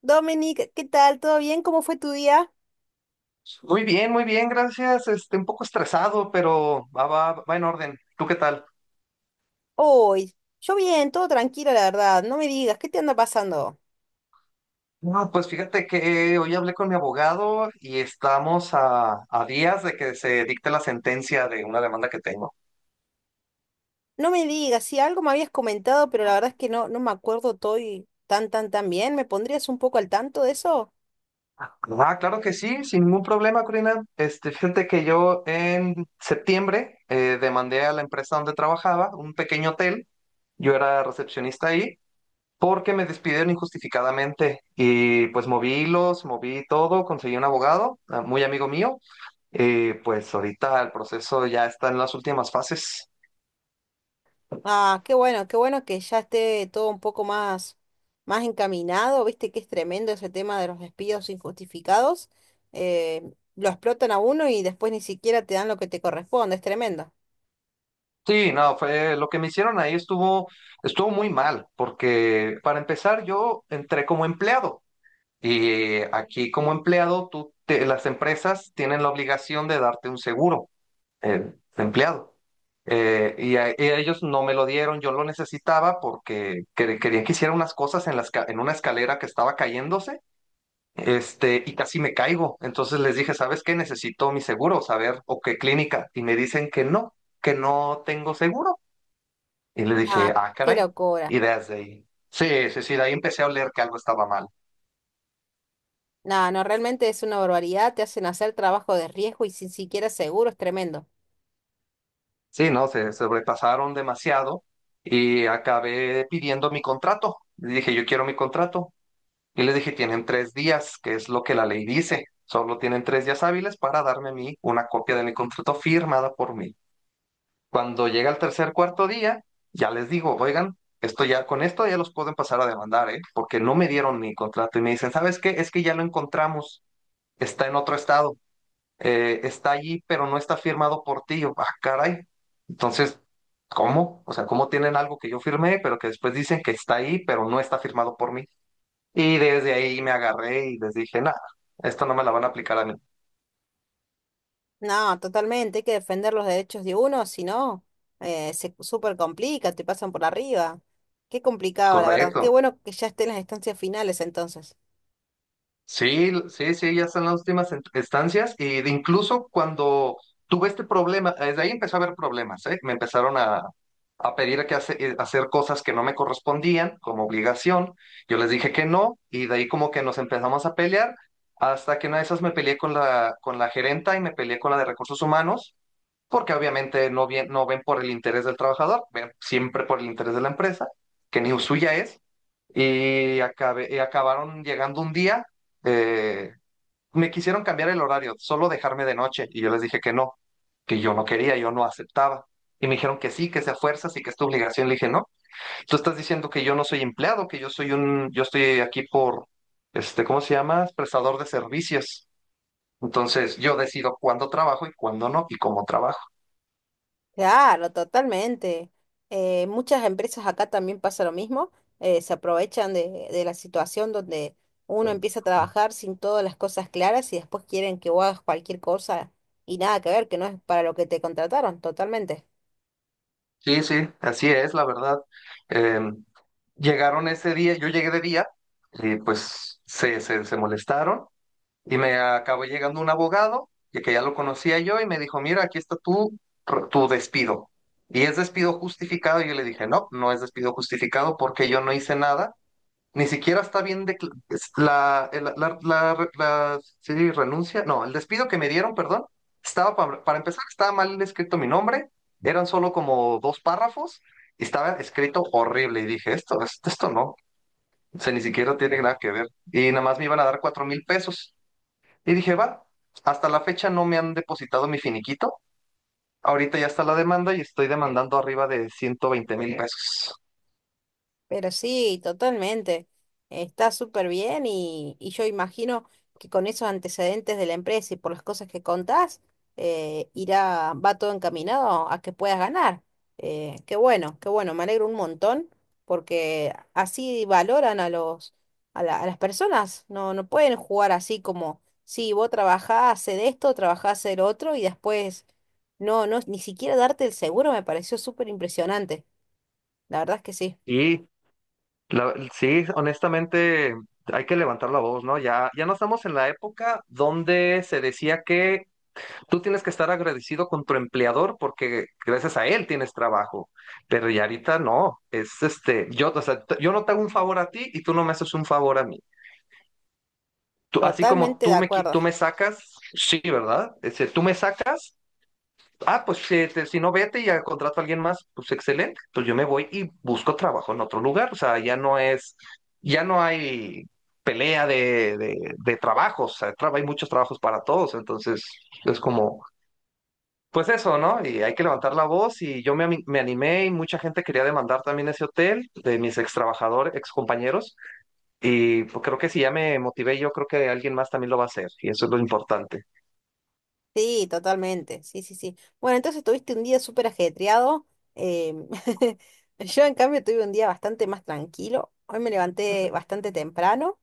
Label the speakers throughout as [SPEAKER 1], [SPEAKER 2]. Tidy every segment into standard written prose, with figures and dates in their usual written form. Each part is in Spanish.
[SPEAKER 1] Dominic, ¿qué tal? ¿Todo bien? ¿Cómo fue tu día
[SPEAKER 2] Muy bien, gracias. Un poco estresado, pero va en orden. ¿Tú qué tal?
[SPEAKER 1] hoy? Yo bien, todo tranquilo, la verdad. No me digas, ¿qué te anda pasando?
[SPEAKER 2] No, pues fíjate que hoy hablé con mi abogado y estamos a días de que se dicte la sentencia de una demanda que tengo.
[SPEAKER 1] No me digas, sí, algo me habías comentado, pero la verdad es que no me acuerdo todo y tan bien. ¿Me pondrías un poco al tanto de eso?
[SPEAKER 2] Ah, claro que sí, sin ningún problema, Corina. Fíjate que yo en septiembre demandé a la empresa donde trabajaba, un pequeño hotel. Yo era recepcionista ahí porque me despidieron injustificadamente y pues moví hilos, moví todo, conseguí un abogado, ah, muy amigo mío. Y pues ahorita el proceso ya está en las últimas fases.
[SPEAKER 1] Ah, qué bueno que ya esté todo un poco más, más encaminado. Viste que es tremendo ese tema de los despidos injustificados. Eh, lo explotan a uno y después ni siquiera te dan lo que te corresponde. Es tremendo.
[SPEAKER 2] Sí, no, fue lo que me hicieron ahí estuvo muy mal, porque para empezar yo entré como empleado, y aquí como empleado las empresas tienen la obligación de darte un seguro de empleado. Y ellos no me lo dieron, yo lo necesitaba porque querían que hiciera unas cosas en la en una escalera que estaba cayéndose. Y casi me caigo. Entonces les dije, ¿sabes qué? Necesito mi seguro, saber o qué clínica. Y me dicen que no tengo seguro. Y le dije,
[SPEAKER 1] Ah,
[SPEAKER 2] ah,
[SPEAKER 1] qué
[SPEAKER 2] caray. Y
[SPEAKER 1] locura.
[SPEAKER 2] desde ahí. Sí, sí, sí, de ahí empecé a oler que algo estaba mal.
[SPEAKER 1] No, no, realmente es una barbaridad, te hacen hacer trabajo de riesgo y sin siquiera seguro, es tremendo.
[SPEAKER 2] Sí, no, se sobrepasaron demasiado y acabé pidiendo mi contrato. Le dije, yo quiero mi contrato. Y les dije, tienen tres días, que es lo que la ley dice. Solo tienen tres días hábiles para darme a mí una copia de mi contrato firmada por mí. Cuando llega el tercer, cuarto día, ya les digo, oigan, esto ya, con esto ya los pueden pasar a demandar, ¿eh? Porque no me dieron mi contrato y me dicen, ¿sabes qué? Es que ya lo encontramos, está en otro estado, está allí, pero no está firmado por ti. Yo, ah, caray. Entonces, ¿cómo? O sea, ¿cómo tienen algo que yo firmé, pero que después dicen que está ahí, pero no está firmado por mí? Y desde ahí me agarré y les dije, nada, esto no me la van a aplicar a mí.
[SPEAKER 1] No, totalmente, hay que defender los derechos de uno, si no, se súper complica, te pasan por arriba. Qué complicado, la verdad. Qué
[SPEAKER 2] Correcto.
[SPEAKER 1] bueno que ya estén las instancias finales entonces.
[SPEAKER 2] Sí, sí, sí, ya están las últimas estancias y de incluso cuando tuve este problema, desde ahí empezó a haber problemas, ¿eh? Me empezaron a pedir que hacer cosas que no me correspondían como obligación, yo les dije que no y de ahí como que nos empezamos a pelear hasta que una de esas me peleé con con la gerenta y me peleé con la de recursos humanos porque obviamente no, bien, no ven por el interés del trabajador, ven siempre por el interés de la empresa, que ni suya es, y acabaron llegando un día, eh, me quisieron cambiar el horario, solo dejarme de noche y yo les dije que no, que yo no quería, yo no aceptaba. Y me dijeron que sí, que sea fuerzas y que es tu obligación. Le dije, no, tú estás diciendo que yo no soy empleado, que yo soy un, yo estoy aquí por, este, ¿cómo se llama? Prestador de servicios. Entonces yo decido cuándo trabajo y cuándo no y cómo trabajo.
[SPEAKER 1] Claro, totalmente. Muchas empresas acá también pasa lo mismo, se aprovechan de la situación donde uno empieza a trabajar sin todas las cosas claras y después quieren que vos hagas cualquier cosa y nada que ver, que no es para lo que te contrataron, totalmente.
[SPEAKER 2] Sí, sí, así es, la verdad. Eh, Llegaron ese día, yo llegué de día y pues se molestaron y me acabó llegando un abogado, y que ya lo conocía yo y me dijo, mira, aquí está tu despido. Y es despido justificado. Y yo le dije, no, no es despido justificado porque yo no hice nada, ni siquiera está bien de la, el- la- la- sí, renuncia. No, el despido que me dieron, perdón, estaba para empezar, estaba mal escrito mi nombre, eran solo como dos párrafos, y estaba escrito horrible. Y dije, esto no, o sea, ni siquiera tiene nada que ver. Y nada más me iban a dar 4.000 pesos. Y dije, va, hasta la fecha no me han depositado mi finiquito. Ahorita ya está la demanda y estoy demandando arriba de 120.000 pesos.
[SPEAKER 1] Pero sí, totalmente. Está súper bien y yo imagino que con esos antecedentes de la empresa y por las cosas que contás, irá, va todo encaminado a que puedas ganar. Qué bueno, me alegro un montón porque así valoran a los, a las personas. No, no pueden jugar así como, sí, vos trabajás, hacé esto, trabajás de lo otro y después no, no, ni siquiera darte el seguro me pareció súper impresionante. La verdad es que sí.
[SPEAKER 2] y sí, honestamente, hay que levantar la voz, ¿no? Ya, ya no estamos en la época donde se decía que tú tienes que estar agradecido con tu empleador porque gracias a él tienes trabajo. Pero ya ahorita no, es este, yo, o sea, yo no te hago un favor a ti y tú no me haces un favor a mí. Así como
[SPEAKER 1] Totalmente de
[SPEAKER 2] tú me,
[SPEAKER 1] acuerdo.
[SPEAKER 2] tú me sacas, sí, ¿verdad? Este, tú me sacas. Ah, pues si no vete y ya contrato a alguien más, pues excelente. Pues yo me voy y busco trabajo en otro lugar. O sea, ya no es, ya no hay pelea de trabajos. O sea, hay muchos trabajos para todos. Entonces, es como, pues eso, ¿no? Y hay que levantar la voz. Y me animé y mucha gente quería demandar también ese hotel de mis ex trabajadores, ex compañeros. Y pues, creo que si ya me motivé, yo creo que alguien más también lo va a hacer. Y eso es lo importante.
[SPEAKER 1] Sí, totalmente. Sí, sí, sí. Bueno, entonces tuviste un día súper ajetreado. em, yo, en cambio, tuve un día bastante más tranquilo. Hoy me levanté bastante temprano.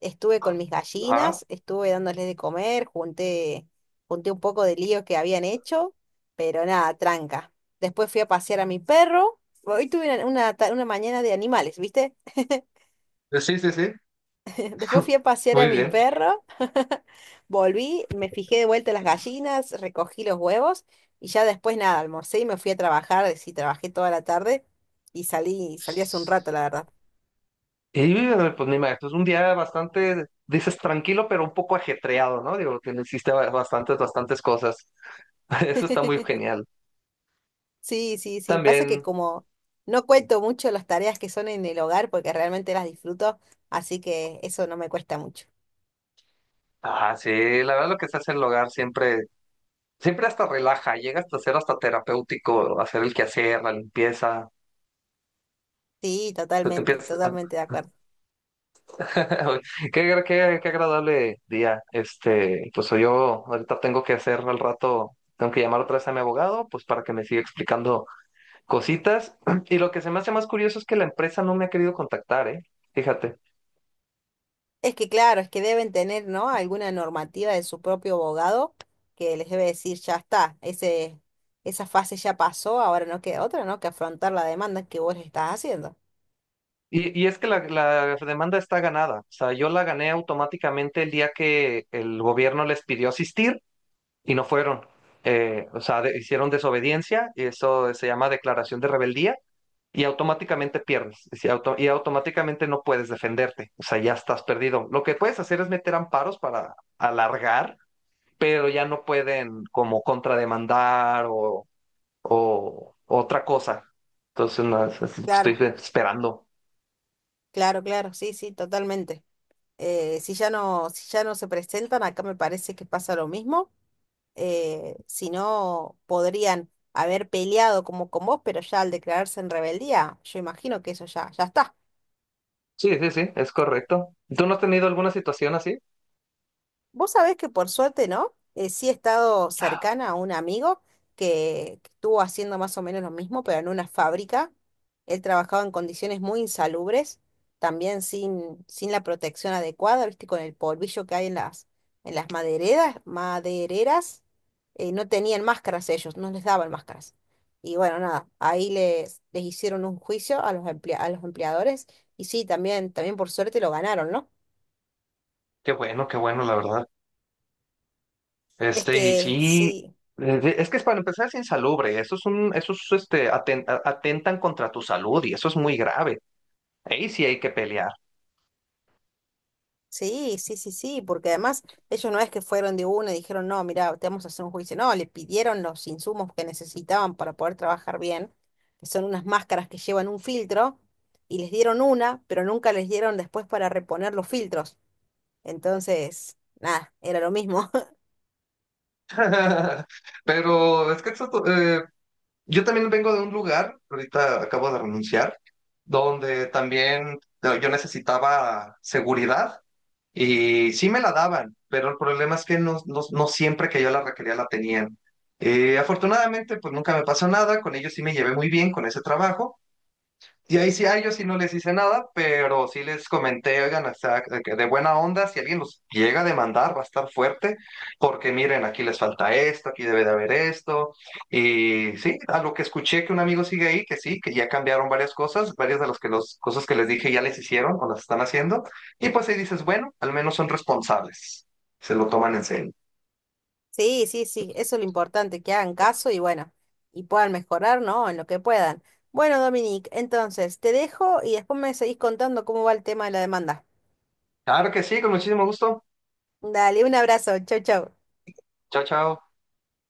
[SPEAKER 1] Estuve con mis
[SPEAKER 2] Ah,
[SPEAKER 1] gallinas, estuve dándoles de comer, junté, junté un poco de lío que habían hecho, pero nada, tranca. Después fui a pasear a mi perro. Hoy tuve una, una mañana de animales, ¿viste?
[SPEAKER 2] sí, sí, sí.
[SPEAKER 1] Después fui a pasear a
[SPEAKER 2] Muy
[SPEAKER 1] mi
[SPEAKER 2] bien.
[SPEAKER 1] perro, volví, me fijé de vuelta las gallinas, recogí los huevos y ya después nada, almorcé y me fui a trabajar, sí, trabajé toda la tarde y salí, salí hace un rato, la verdad.
[SPEAKER 2] Y pues me imagino, es un día bastante, dices tranquilo, pero un poco ajetreado, ¿no? Digo, que le hiciste bastantes cosas. Eso está muy genial.
[SPEAKER 1] Sí, sí, sí, pasa que
[SPEAKER 2] También,
[SPEAKER 1] como no cuento mucho las tareas que son en el hogar porque realmente las disfruto, así que eso no me cuesta mucho.
[SPEAKER 2] ah, sí, la verdad lo que se hace en el hogar siempre, siempre hasta relaja, llega hasta ser hasta terapéutico, hacer el quehacer, la limpieza.
[SPEAKER 1] Sí,
[SPEAKER 2] se te
[SPEAKER 1] totalmente,
[SPEAKER 2] empieza-
[SPEAKER 1] totalmente de acuerdo.
[SPEAKER 2] Qué agradable día. Pues yo ahorita tengo que hacer al rato, tengo que llamar otra vez a mi abogado, pues para que me siga explicando cositas. Y lo que se me hace más curioso es que la empresa no me ha querido contactar, ¿eh? Fíjate.
[SPEAKER 1] Es que claro, es que deben tener, ¿no? Alguna normativa de su propio abogado que les debe decir, ya está, ese, esa fase ya pasó, ahora no queda otra, ¿no? Que afrontar la demanda que vos le estás haciendo.
[SPEAKER 2] Y es que la demanda está ganada. O sea, yo la gané automáticamente el día que el gobierno les pidió asistir y no fueron. O sea, hicieron desobediencia y eso se llama declaración de rebeldía y automáticamente pierdes. Y, si automáticamente no puedes defenderte. O sea, ya estás perdido. Lo que puedes hacer es meter amparos para alargar, pero ya no pueden como contrademandar o otra cosa. Entonces, no, es lo que estoy
[SPEAKER 1] Claro,
[SPEAKER 2] esperando.
[SPEAKER 1] claro, claro, sí, sí, totalmente. Si ya no, si ya no se presentan, acá me parece que pasa lo mismo. Si no, podrían haber peleado como con vos, pero ya al declararse en rebeldía, yo imagino que eso ya, ya está.
[SPEAKER 2] Sí, sí, sí, es correcto. ¿Tú no has tenido alguna situación así?
[SPEAKER 1] Vos sabés que por suerte, ¿no? Sí he estado cercana a un amigo que estuvo haciendo más o menos lo mismo, pero en una fábrica. Él trabajaba en condiciones muy insalubres, también sin la protección adecuada, ¿viste? Con el polvillo que hay en las madereras, madereras, no tenían máscaras ellos, no les daban máscaras. Y bueno, nada, ahí les, les hicieron un juicio a los a los empleadores y sí, también, también por suerte lo ganaron, ¿no?
[SPEAKER 2] Qué bueno, la verdad.
[SPEAKER 1] Es
[SPEAKER 2] Este, y
[SPEAKER 1] que
[SPEAKER 2] sí,
[SPEAKER 1] sí.
[SPEAKER 2] es que es para empezar es insalubre, eso es un, eso es, este, atentan contra tu salud y eso es muy grave. Ahí sí hay que pelear.
[SPEAKER 1] Sí, sí, sí, sí, porque además ellos no es que fueron de uno y dijeron, no, mira, te vamos a hacer un juicio. No, le pidieron los insumos que necesitaban para poder trabajar bien, que son unas máscaras que llevan un filtro, y les dieron una, pero nunca les dieron después para reponer los filtros. Entonces, nada, era lo mismo.
[SPEAKER 2] Pero es que eso, yo también vengo de un lugar, ahorita acabo de renunciar, donde también yo necesitaba seguridad y sí me la daban, pero el problema es que no, no, no siempre que yo la requería la tenían. Afortunadamente, pues nunca me pasó nada, con ellos sí me llevé muy bien con ese trabajo, y ahí sí a ellos sí no les hice nada, pero sí les comenté, oigan, o sea, de que de buena onda, si alguien los llega a demandar, va a estar fuerte, porque miren, aquí les falta esto, aquí debe de haber esto. Y sí, a lo que escuché que un amigo sigue ahí, que sí, que ya cambiaron varias cosas, varias de las que los, cosas que les dije ya les hicieron o las están haciendo. Y pues ahí dices, bueno, al menos son responsables, se lo toman en serio.
[SPEAKER 1] Sí, sí, sí, eso es lo importante, que hagan caso y bueno, y puedan mejorar, ¿no? En lo que puedan. Bueno, Dominique, entonces te dejo y después me seguís contando cómo va el tema de la demanda.
[SPEAKER 2] Claro que sí, con muchísimo gusto.
[SPEAKER 1] Dale, un abrazo, chau, chau.
[SPEAKER 2] Chao, chao.